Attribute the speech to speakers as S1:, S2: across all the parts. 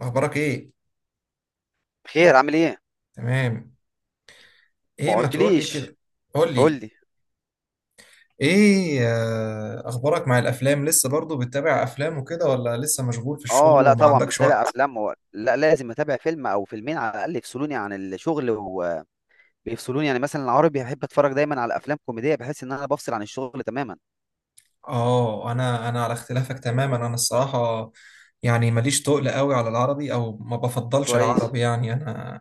S1: اخبارك ايه؟
S2: بخير، عامل ايه؟
S1: تمام. ايه
S2: ما
S1: ما تقول لي
S2: قلتليش.
S1: كده؟ قول
S2: قول
S1: لي.
S2: لي.
S1: ايه اخبارك مع الافلام؟ لسه برضو بتتابع افلام وكده ولا لسه مشغول في الشغل
S2: اه، لا
S1: وما
S2: طبعا
S1: عندكش
S2: بتابع
S1: وقت؟
S2: افلام و... لا لازم اتابع فيلم او فيلمين على الاقل يفصلوني عن الشغل وبيفصلوني، يعني مثلا العربي بحب اتفرج دايما على افلام كوميديه، بحس ان انا بفصل عن الشغل تماما.
S1: اه، انا على اختلافك تماما، انا الصراحة. يعني ماليش تقل قوي على العربي او ما بفضلش
S2: كويس.
S1: العربي، يعني انا.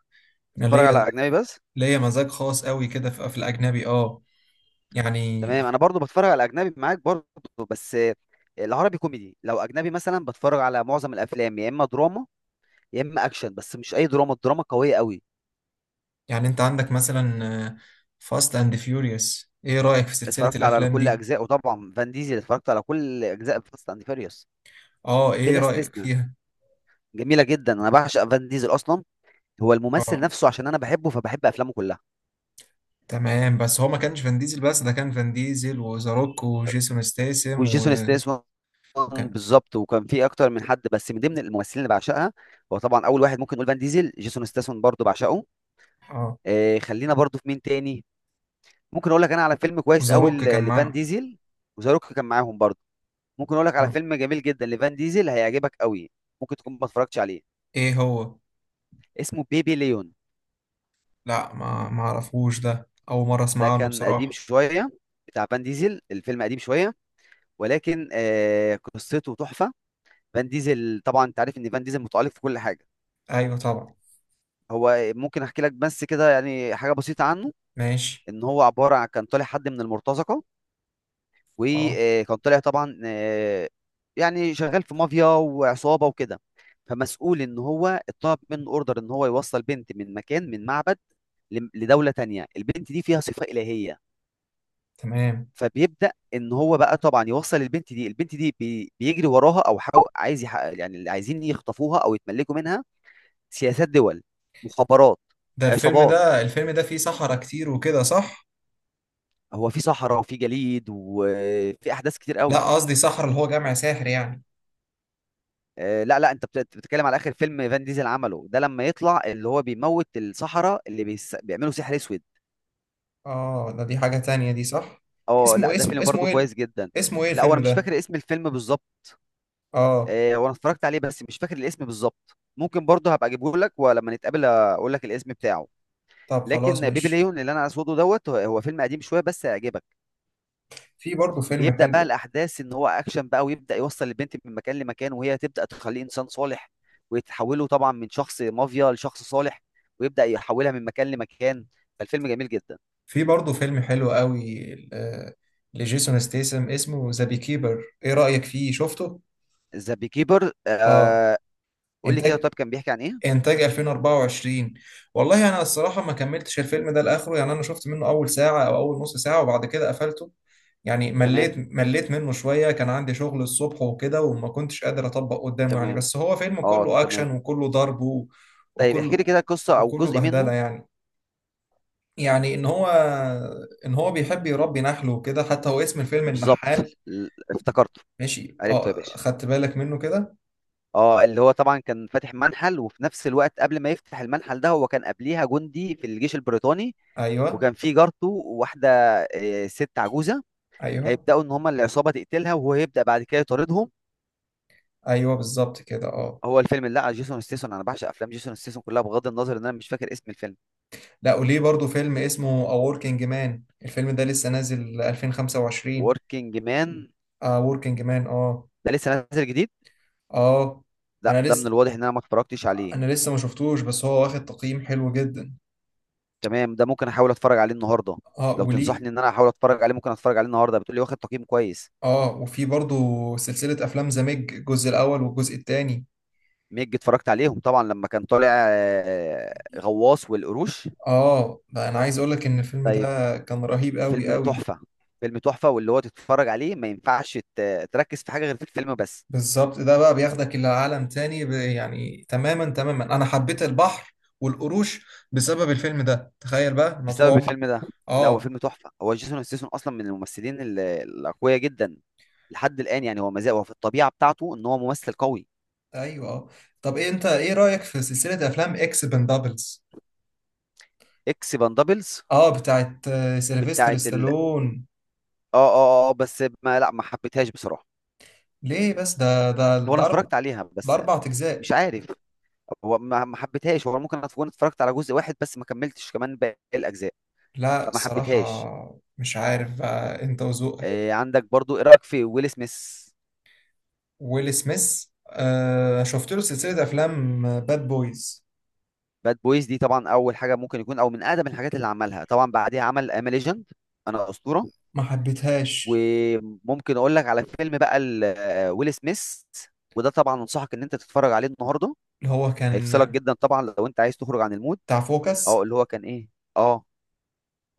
S1: انا
S2: بتتفرج
S1: ليا
S2: على اجنبي بس؟
S1: ليا مزاج خاص قوي كده في الاجنبي اه يعني.
S2: تمام، انا برضو بتفرج على اجنبي معاك برضو. بس العربي كوميدي، لو اجنبي مثلا بتفرج على معظم الافلام يا اما دراما يا اما اكشن، بس مش اي دراما، الدراما قويه قوي.
S1: يعني انت عندك مثلا فاست اند فيوريوس، ايه رأيك في سلسلة
S2: اتفرجت على
S1: الافلام
S2: كل
S1: دي؟
S2: اجزاء، وطبعا فان ديزل اتفرجت على كل اجزاء فاست اند فيريوس
S1: اه، ايه
S2: بلا
S1: رأيك
S2: استثناء.
S1: فيها؟
S2: جميله جدا، انا بعشق فان ديزل اصلا. هو الممثل
S1: اه،
S2: نفسه، عشان انا بحبه فبحب افلامه كلها.
S1: تمام. بس هو ما كانش فان ديزل، بس ده كان فان ديزل وذا روك وجيسون ستاثام و
S2: وجيسون ستاثام.
S1: وكان.
S2: بالظبط، وكان في اكتر من حد، بس من ضمن الممثلين اللي بعشقها هو طبعا اول واحد ممكن نقول فان ديزل. جيسون ستاثام برضو بعشقه.
S1: اه،
S2: خلينا برضو في مين تاني. ممكن اقول لك انا على فيلم كويس
S1: وذا
S2: قوي
S1: روك كان
S2: لفان
S1: معاه.
S2: ديزل. وزاروك كان معاهم برضو. ممكن اقول لك على
S1: اه،
S2: فيلم جميل جدا لفان ديزل هيعجبك قوي. ممكن تكون ما اتفرجتش عليه.
S1: ايه هو؟
S2: اسمه بيبي ليون.
S1: لا، ما اعرفوش، ده اول مره
S2: ده
S1: اسمع عنه
S2: كان قديم
S1: بصراحه.
S2: شويه، بتاع فان ديزل، الفيلم قديم شويه، ولكن قصته تحفه. فان ديزل، طبعا انت عارف ان فان ديزل متألق في كل حاجه.
S1: ايوه طبعا.
S2: هو ممكن احكي لك بس كده يعني حاجه بسيطه عنه.
S1: ماشي.
S2: ان هو عباره عن كان طالع حد من المرتزقه،
S1: اه،
S2: وكان طالع طبعا، يعني شغال في مافيا وعصابه وكده، فمسؤول ان هو اتطلب منه اوردر ان هو يوصل بنت من مكان من معبد لدوله تانية. البنت دي فيها صفه الهيه.
S1: تمام.
S2: فبيبدا ان هو بقى طبعا يوصل البنت دي، بيجري وراها، او عايز يحقق، يعني اللي عايزين يخطفوها او يتملكوا منها. سياسات دول، مخابرات، عصابات.
S1: ده الفيلم ده فيه صحراء كتير وكده، صح؟
S2: هو في صحراء وفي جليد وفي احداث كتير
S1: لا،
S2: قوي.
S1: قصدي صحراء اللي هو جامع ساحر، يعني.
S2: لا لا، انت بتتكلم على اخر فيلم فان ديزل عمله، ده لما يطلع اللي هو بيموت الصحراء اللي بيعملوا سحر اسود.
S1: اه، ده دي حاجه تانية دي، صح؟
S2: اه، لا
S1: اسمه
S2: ده
S1: اسمه
S2: فيلم
S1: اسمه
S2: برضو
S1: ايه
S2: كويس جدا.
S1: اسمه ايه
S2: لا،
S1: الفيلم
S2: وانا مش
S1: ده؟
S2: فاكر اسم الفيلم بالظبط.
S1: اه.
S2: وانا اتفرجت عليه بس مش فاكر الاسم بالظبط، ممكن برضو هبقى اجيبه لك ولما نتقابل اقول لك الاسم بتاعه.
S1: طب خلاص،
S2: لكن بيبي
S1: ماشي.
S2: ليون، اللي انا اسوده دوت، هو فيلم قديم شويه بس هيعجبك.
S1: في برضه فيلم
S2: بيبدأ بقى
S1: حلو.
S2: الأحداث إن هو أكشن بقى، ويبدأ يوصل البنت من مكان لمكان، وهي تبدأ تخليه إنسان صالح، ويتحوله طبعا من شخص مافيا لشخص صالح، ويبدأ يحولها من مكان لمكان. فالفيلم جميل جدا.
S1: في برضه فيلم حلو قوي لجيسون ستيسم، اسمه ذا بي كيبر، ايه رأيك فيه؟ شفته؟
S2: ذا بي كيبر،
S1: اه.
S2: آه. قول لي كده، طب
S1: انتاج
S2: كان بيحكي عن إيه؟
S1: انتاج 2024. والله انا الصراحة ما كملتش الفيلم ده لاخره، يعني انا شفت منه اول ساعة او اول نص ساعة وبعد كده قفلته. يعني مليت
S2: تمام،
S1: مليت منه شوية، كان عندي شغل الصبح وكده وما كنتش قادر اطبق قدامه يعني،
S2: تمام،
S1: بس هو فيلم
S2: أه
S1: كله اكشن
S2: تمام.
S1: وكله ضرب
S2: طيب احكي لي كده
S1: وكله
S2: قصة أو
S1: وكله
S2: جزء
S1: بهدلة،
S2: منه.
S1: يعني. يعني ان هو. ان هو بيحب يربي نحل وكده، حتى هو اسم الفيلم
S2: بالظبط.
S1: النحال.
S2: افتكرته،
S1: ماشي،
S2: عرفته يا
S1: اه،
S2: باشا.
S1: خدت بالك منه كده.
S2: اه، اللي هو طبعا كان فاتح منحل، وفي نفس الوقت قبل ما يفتح المنحل ده هو كان قبليها جندي في الجيش البريطاني،
S1: ايوه
S2: وكان في جارته، وواحدة، ست عجوزة،
S1: ايوه.
S2: هيبدأوا إن هما العصابة تقتلها، وهو هيبدأ بعد كده يطاردهم.
S1: ايوه بالظبط كده، اه.
S2: هو الفيلم اللي على جيسون ستيسون، أنا بعشق أفلام جيسون ستيسون كلها، بغض النظر إن أنا مش فاكر اسم الفيلم.
S1: لا، وليه برضو فيلم اسمه A Working Man، الفيلم ده لسه نازل 2025.
S2: وركينج مان.
S1: A Working Man، اه.
S2: ده لسه نازل جديد.
S1: اه.
S2: لا،
S1: انا
S2: ده من
S1: لسه
S2: الواضح إن أنا ما اتفرجتش عليه.
S1: انا لسه ما شفتوش، بس هو واخد تقييم حلو جدا.
S2: تمام، ده ممكن أحاول أتفرج عليه النهاردة.
S1: اه،
S2: لو
S1: وليه.
S2: تنصحني إن أنا أحاول أتفرج عليه ممكن أتفرج عليه النهاردة، بتقولي واخد تقييم كويس.
S1: اه، وفي برضو سلسلة افلام ذا ميج، الجزء الاول والجزء الثاني.
S2: ميج اتفرجت عليهم طبعا، لما كان طالع، غواص والقروش.
S1: اه، ده انا عايز اقولك ان الفيلم
S2: طيب.
S1: ده كان رهيب قوي
S2: فيلم
S1: قوي.
S2: تحفة، فيلم تحفة، واللي هو تتفرج عليه ما ينفعش تركز في حاجة غير في الفيلم بس.
S1: بالظبط، ده بقى بياخدك الى عالم تاني، يعني تماما تماما انا حبيت البحر والقروش بسبب الفيلم ده، تخيل بقى انا طول
S2: بسبب
S1: عمري.
S2: الفيلم ده. لا، هو
S1: اه.
S2: فيلم تحفة، هو جيسون ستاثام أصلا من الممثلين الأقوياء جدا لحد الآن، يعني هو مازال هو في الطبيعة بتاعته إن هو ممثل قوي.
S1: ايوه، اه. طب، إيه انت ايه رايك في سلسله افلام اكس بندابلز؟
S2: إكس باندابلز.
S1: اه، بتاعت سيلفستر
S2: بتاعت ال آه
S1: ستالون.
S2: آه آه آه، بس ما لا ما حبيتهاش بصراحة.
S1: ليه بس؟ ده ده
S2: هو أنا
S1: ده اربع،
S2: اتفرجت عليها
S1: ده
S2: بس
S1: اربع
S2: مش
S1: اجزاء.
S2: عارف، هو ما حبيتهاش، هو ممكن اكون اتفرجت على جزء واحد بس ما كملتش كمان باقي الاجزاء،
S1: لا
S2: فما حبيتهاش.
S1: الصراحه مش عارف، بقى انت وذوقك.
S2: إيه عندك برضو، ايه رايك في ويل سميث؟
S1: ويل سميث، شفت له سلسلة أفلام باد بويز.
S2: باد بويز دي طبعا اول حاجه ممكن يكون او من اقدم الحاجات اللي عملها، طبعا بعديها عمل ام ليجند، انا اسطوره.
S1: ما حبيتهاش.
S2: وممكن اقول لك على فيلم بقى ويل سميث، وده طبعا انصحك ان انت تتفرج عليه النهارده،
S1: اللي هو
S2: هيفصلك
S1: كان
S2: جدا طبعا لو انت عايز تخرج عن المود.
S1: بتاع فوكس.
S2: اه، اللي هو كان ايه. اه،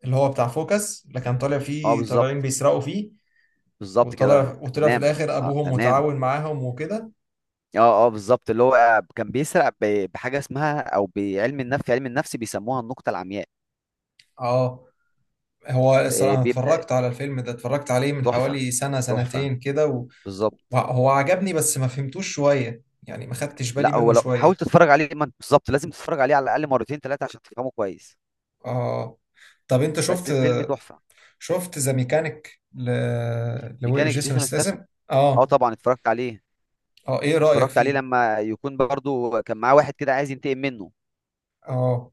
S1: اللي هو بتاع فوكس، اللي كان طالع
S2: اه،
S1: فيه طالعين
S2: بالظبط،
S1: بيسرقوا فيه.
S2: بالظبط كده،
S1: وطلع في
S2: تمام.
S1: الآخر
S2: آه
S1: أبوهم
S2: تمام.
S1: متعاون معاهم وكده.
S2: اه، اه، بالظبط، اللي هو كان بيسرق بحاجه اسمها او بعلم النفس، في علم النفس بيسموها النقطه العمياء.
S1: اه، هو الصراحة
S2: إيه،
S1: أنا
S2: بيبدا.
S1: اتفرجت على الفيلم ده، اتفرجت عليه من
S2: تحفه،
S1: حوالي سنة
S2: تحفه،
S1: سنتين كده و
S2: بالظبط.
S1: وهو عجبني بس ما فهمتوش شوية، يعني ما خدتش بالي
S2: لا، هو
S1: منه
S2: لو حاول
S1: شوية.
S2: تتفرج عليه ما انت- بالظبط لازم تتفرج عليه على الاقل مرتين ثلاثه عشان تفهمه كويس.
S1: اه، طب انت
S2: بس
S1: شفت
S2: الفيلم تحفه.
S1: شفت ذا ميكانيك
S2: ميكانيك
S1: لجيسون
S2: جيسون ستاثام.
S1: ستاثام.
S2: اه
S1: اه.
S2: طبعا اتفرجت عليه.
S1: اه، ايه رأيك
S2: اتفرجت عليه
S1: فيه؟
S2: لما يكون برضو كان معاه واحد كده عايز ينتقم منه.
S1: اه،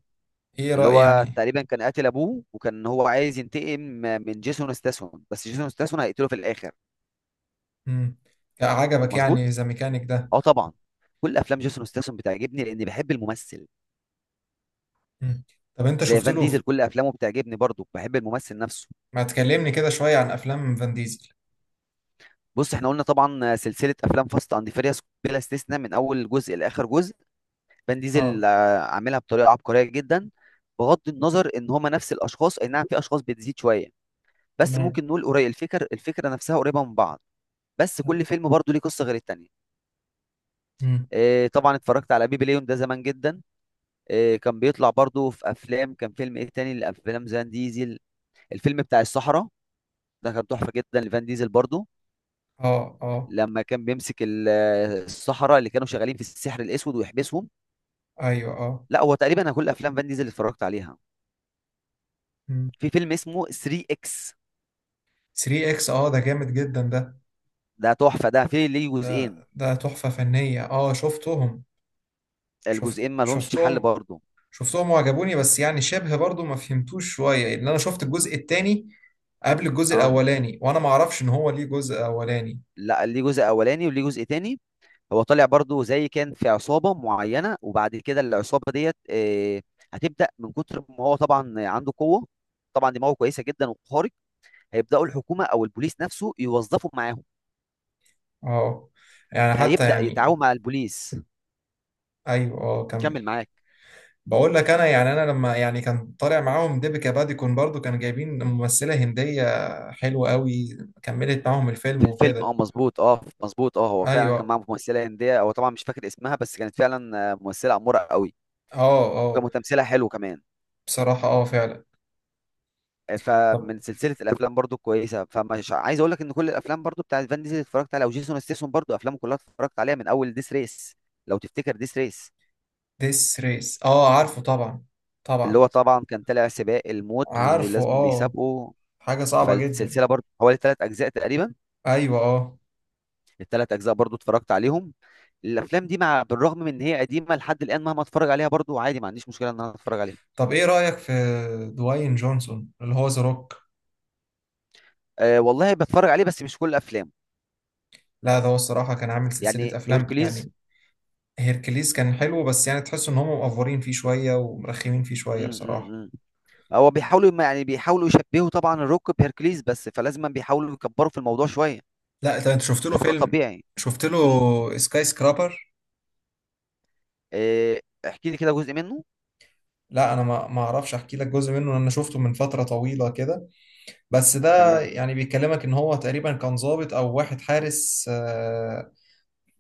S1: ايه
S2: اللي
S1: رأي،
S2: هو
S1: يعني؟
S2: تقريبا كان قاتل ابوه، وكان هو عايز ينتقم من جيسون ستاثام، بس جيسون ستاثام هيقتله في الاخر.
S1: امم. عجبك
S2: مظبوط.
S1: يعني ذا ميكانيك ده؟
S2: اه طبعا. كل افلام جيسون ستاثام بتعجبني لاني بحب الممثل.
S1: مم. طب انت
S2: زي
S1: شفت
S2: فان
S1: له
S2: ديزل، كل افلامه بتعجبني برضو، بحب الممثل نفسه.
S1: ما تكلمني كده شوية عن افلام فان ديزل.
S2: بص، احنا قلنا طبعا سلسله افلام فاست اند فيريوس بلا استثناء من اول جزء لاخر جزء، فان ديزل
S1: اه،
S2: آه، عاملها بطريقه عبقريه جدا. بغض النظر ان هما نفس الاشخاص، اي نعم في اشخاص بتزيد شويه، بس
S1: تمام.
S2: ممكن نقول قريب الفكر، الفكره نفسها قريبه من بعض. بس
S1: تمام.
S2: كل فيلم برضو ليه قصه غير التانيه.
S1: امم.
S2: إيه، طبعا اتفرجت على بيبي ليون ده زمان جدا. إيه، كان بيطلع برضو في افلام، كان فيلم ايه تاني لافلام زان ديزل؟ الفيلم بتاع الصحراء، ده كان تحفه جدا لفان ديزل برضو،
S1: اه، اه،
S2: لما كان بيمسك الصحراء اللي كانوا شغالين في السحر الاسود ويحبسهم.
S1: ايوه، اه.
S2: لا، هو تقريبا انا كل افلام فان ديزل اللي اتفرجت عليها.
S1: امم.
S2: في فيلم اسمه 3 اكس،
S1: 3 اكس، اه، ده جامد جدا ده.
S2: ده تحفه، ده في ليه
S1: ده
S2: جزئين،
S1: ده تحفة فنية، اه شفتهم.
S2: الجزئين ما لهمش حل
S1: شفتهم.
S2: برضو.
S1: شفتهم وعجبوني، بس يعني شبه برضو ما فهمتوش شوية، ان انا شفت الجزء التاني قبل الجزء
S2: اه،
S1: الاولاني، وانا ما اعرفش ان هو ليه جزء اولاني.
S2: لا ليه جزء اولاني وليه جزء تاني. هو طالع برضو زي كان في عصابه معينه، وبعد كده العصابه ديت، هتبدا من كتر ما هو طبعا عنده قوه، طبعا دماغه كويسه جدا وخارق، هيبداوا الحكومه او البوليس نفسه يوظفوا معاهم.
S1: اه، يعني حتى،
S2: هيبدأ
S1: يعني.
S2: يتعاون مع البوليس.
S1: ايوه، اه، كمل.
S2: كمل معاك.
S1: بقول لك انا، يعني انا لما، يعني، كان طالع معاهم ديبيكا باديكون، برضو كانوا جايبين ممثلة هندية حلوة قوي، كملت معاهم
S2: في
S1: الفيلم
S2: الفيلم،
S1: وكده.
S2: اه مظبوط، اه مظبوط، اه هو فعلا
S1: ايوه،
S2: كان معاه ممثلة هندية، هو طبعا مش فاكر اسمها، بس كانت فعلا، ممثلة أمورة قوي،
S1: اه، اه.
S2: وكان تمثيلها حلو كمان.
S1: بصراحة، اه، فعلا. طب
S2: فمن سلسلة الأفلام برضو كويسة، فمش عايز أقول لك إن كل الأفلام برضو بتاعت فان ديزل اتفرجت عليها، وجيسون ستيسون برضو أفلامه كلها اتفرجت عليها من أول ديس ريس. لو تفتكر ديس ريس،
S1: ديس ريس، اه، عارفه طبعا.
S2: اللي هو
S1: طبعا.
S2: طبعا كان طالع سباق الموت
S1: عارفه،
S2: ولازم
S1: اه.
S2: بيسابقه.
S1: حاجة صعبة جدا.
S2: فالسلسلة برضو حوالي ثلاث أجزاء تقريبا،
S1: ايوه، اه.
S2: الثلاث اجزاء برضو اتفرجت عليهم. الافلام دي، مع بالرغم من ان هي قديمه، لحد الان مهما اتفرج عليها برضو عادي، ما عنديش مشكله ان انا اتفرج عليها.
S1: طب، ايه رأيك في دواين جونسون، اللي هو ذا روك؟
S2: أه والله بتفرج عليه، بس مش كل الافلام.
S1: لا، ده هو الصراحة كان عامل
S2: يعني
S1: سلسلة افلام
S2: هيركليز.
S1: يعني. هيركليس كان حلو، بس يعني تحس ان هم مقفورين فيه شوية ومرخمين فيه
S2: مم،
S1: شوية
S2: مم،
S1: بصراحة.
S2: مم. هو بيحاولوا يعني بيحاولوا يشبهوا طبعا الروك بهيركليز، بس فلازم بيحاولوا يكبروا في الموضوع شويه،
S1: لا ده، انت شفت له
S2: فده
S1: فيلم؟
S2: طبيعي.
S1: شفت له
S2: مم.
S1: سكاي سكرابر؟
S2: أه. احكي لي كده جزء منه.
S1: لا، انا ما اعرفش احكي لك جزء منه، لأن انا شفته من فترة طويلة كده. بس ده
S2: تمام.
S1: يعني بيكلمك ان هو تقريبا كان ضابط او واحد حارس.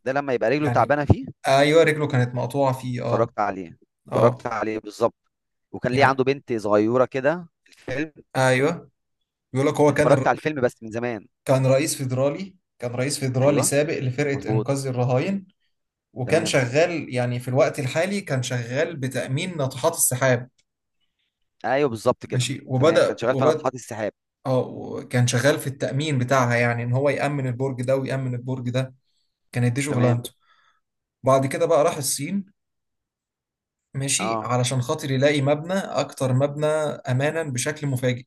S2: ده لما يبقى رجله
S1: يعني.
S2: تعبانه فيه.
S1: ايوه، رجله كانت مقطوعة فيه، اه.
S2: اتفرجت عليه، اتفرجت
S1: اه،
S2: عليه بالظبط. وكان ليه
S1: يعني.
S2: عنده بنت صغيره كده في الفيلم.
S1: ايوه، بيقول لك هو
S2: اتفرجت
S1: كان.
S2: على الفيلم بس من زمان.
S1: كان رئيس فيدرالي
S2: ايوه،
S1: سابق لفرقة
S2: مظبوط.
S1: إنقاذ الرهاين. وكان
S2: تمام.
S1: شغال يعني، في الوقت الحالي كان شغال بتأمين ناطحات السحاب.
S2: ايوه، بالظبط كده،
S1: ماشي،
S2: تمام. كان
S1: وبدأ
S2: شغال في
S1: وبدأ
S2: ناطحات السحاب.
S1: اه، كان شغال في التأمين بتاعها، يعني إن هو يأمن البرج ده ويأمن البرج ده، كانت دي
S2: تمام.
S1: شغلانته. بعد كده بقى راح الصين. ماشي،
S2: اه،
S1: علشان خاطر يلاقي مبنى، أكتر مبنى أمانا بشكل مفاجئ.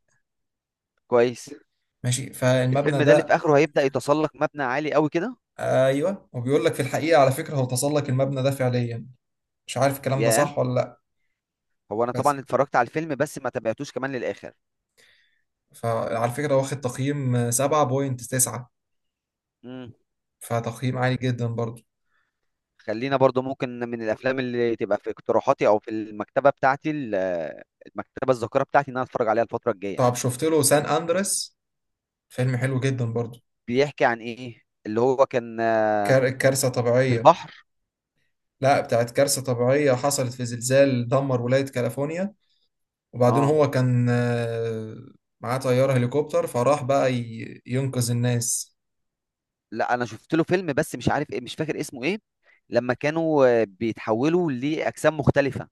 S2: كويس.
S1: ماشي، فالمبنى
S2: الفيلم ده اللي في
S1: ده.
S2: اخره هيبدأ يتسلق مبنى عالي قوي كده.
S1: أيوه، وبيقول لك في الحقيقة، على فكرة، هو تسلق المبنى ده فعليا، مش عارف الكلام ده
S2: ياه.
S1: صح ولا لأ.
S2: هو انا
S1: بس
S2: طبعا اتفرجت على الفيلم بس ما تابعتوش كمان للاخر.
S1: فعلى فكرة واخد تقييم 7.9،
S2: امم.
S1: فتقييم عالي جدا برضو.
S2: خلينا برضو، ممكن من الافلام اللي تبقى في اقتراحاتي او في المكتبه بتاعتي، المكتبه الذاكره بتاعتي، ان انا اتفرج عليها الفتره الجايه.
S1: طب شفت له سان أندريس؟ فيلم حلو جدا برضو.
S2: بيحكي عن ايه؟ اللي هو كان،
S1: كارثة
S2: في
S1: طبيعية.
S2: البحر.
S1: لا، بتاعت كارثة طبيعية حصلت في زلزال دمر ولاية كاليفورنيا. وبعدين
S2: اه،
S1: هو كان معاه طيارة هليكوبتر، فراح بقى ينقذ الناس.
S2: لا انا شفت له فيلم بس مش عارف ايه، مش فاكر اسمه ايه، لما كانوا، بيتحولوا لاجسام مختلفه،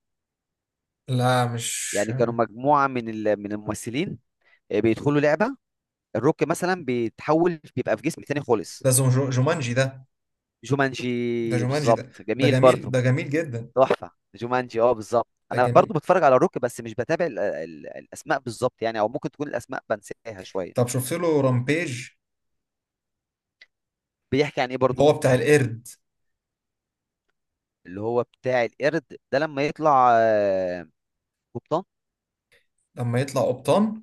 S1: لا مش.
S2: يعني كانوا مجموعه من من الممثلين، بيدخلوا لعبه، الروك مثلا بيتحول بيبقى في جسم تاني خالص.
S1: ده جومانجي ده. ده
S2: جومانجي
S1: جومانجي ده،
S2: بالظبط،
S1: ده
S2: جميل
S1: جميل،
S2: برضه.
S1: ده جميل جدا.
S2: تحفه جومانجي، اه بالظبط،
S1: ده
S2: انا
S1: جميل.
S2: برضه بتفرج على الروك بس مش بتابع الاسماء بالظبط، يعني او ممكن تكون الاسماء بنساها
S1: طب
S2: شويه.
S1: شفت له رامبيج؟
S2: بيحكي عن ايه
S1: هو
S2: برضه؟
S1: بتاع القرد.
S2: اللي هو بتاع القرد ده لما يطلع، قبطان.
S1: لما يطلع قبطان.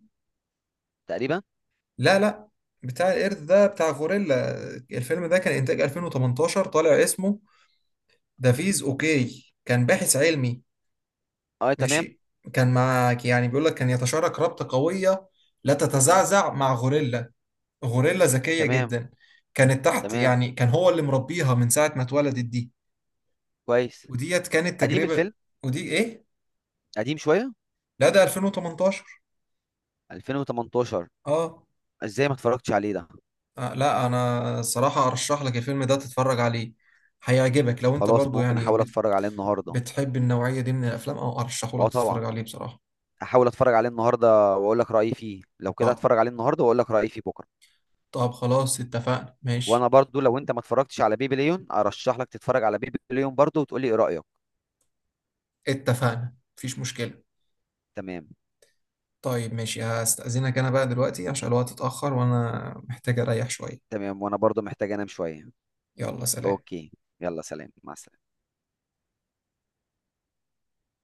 S2: تقريبا.
S1: لا، لا، بتاع القرد ده بتاع غوريلا. الفيلم ده كان إنتاج 2018، طالع اسمه دافيز أوكي، كان باحث علمي.
S2: اه تمام.
S1: ماشي، كان معاك يعني بيقول لك كان يتشارك رابطة قوية، لا
S2: مم.
S1: تتزعزع، مع غوريلا. غوريلا ذكية
S2: تمام،
S1: جدا، كانت تحت،
S2: تمام،
S1: يعني كان هو اللي مربيها من ساعة ما اتولدت دي.
S2: كويس.
S1: وديت كانت
S2: قديم
S1: تجربة.
S2: الفيلم.
S1: ودي إيه؟
S2: قديم شوية.
S1: لا، ده 2018.
S2: 2018.
S1: آه.
S2: ازاي ما اتفرجتش عليه ده.
S1: لا أنا الصراحة أرشح لك الفيلم ده، تتفرج عليه هيعجبك، لو أنت
S2: خلاص،
S1: برضو
S2: ممكن احاول
S1: يعني
S2: اتفرج عليه النهاردة.
S1: بتحب النوعية دي من الأفلام، أو
S2: اه
S1: أرشحهولك
S2: طبعا.
S1: تتفرج عليه بصراحة.
S2: احاول اتفرج عليه النهارده واقول لك رايي فيه، لو كده
S1: طيب.
S2: اتفرج عليه النهارده واقول لك رايي فيه بكره.
S1: طب خلاص، اتفقنا
S2: وانا
S1: ماشي.
S2: برضو، لو انت ما اتفرجتش على بيبي ليون ارشح لك تتفرج على بيبي ليون برضو وتقول لي ايه رايك.
S1: اتفقنا، مفيش مشكلة.
S2: تمام.
S1: طيب ماشي، هستأذنك أنا بقى دلوقتي عشان الوقت اتأخر وأنا محتاج أريح شوية.
S2: تمام، وانا برضو محتاج انام شوية.
S1: يلا سلام.
S2: اوكي. يلا، سلام، مع السلامة.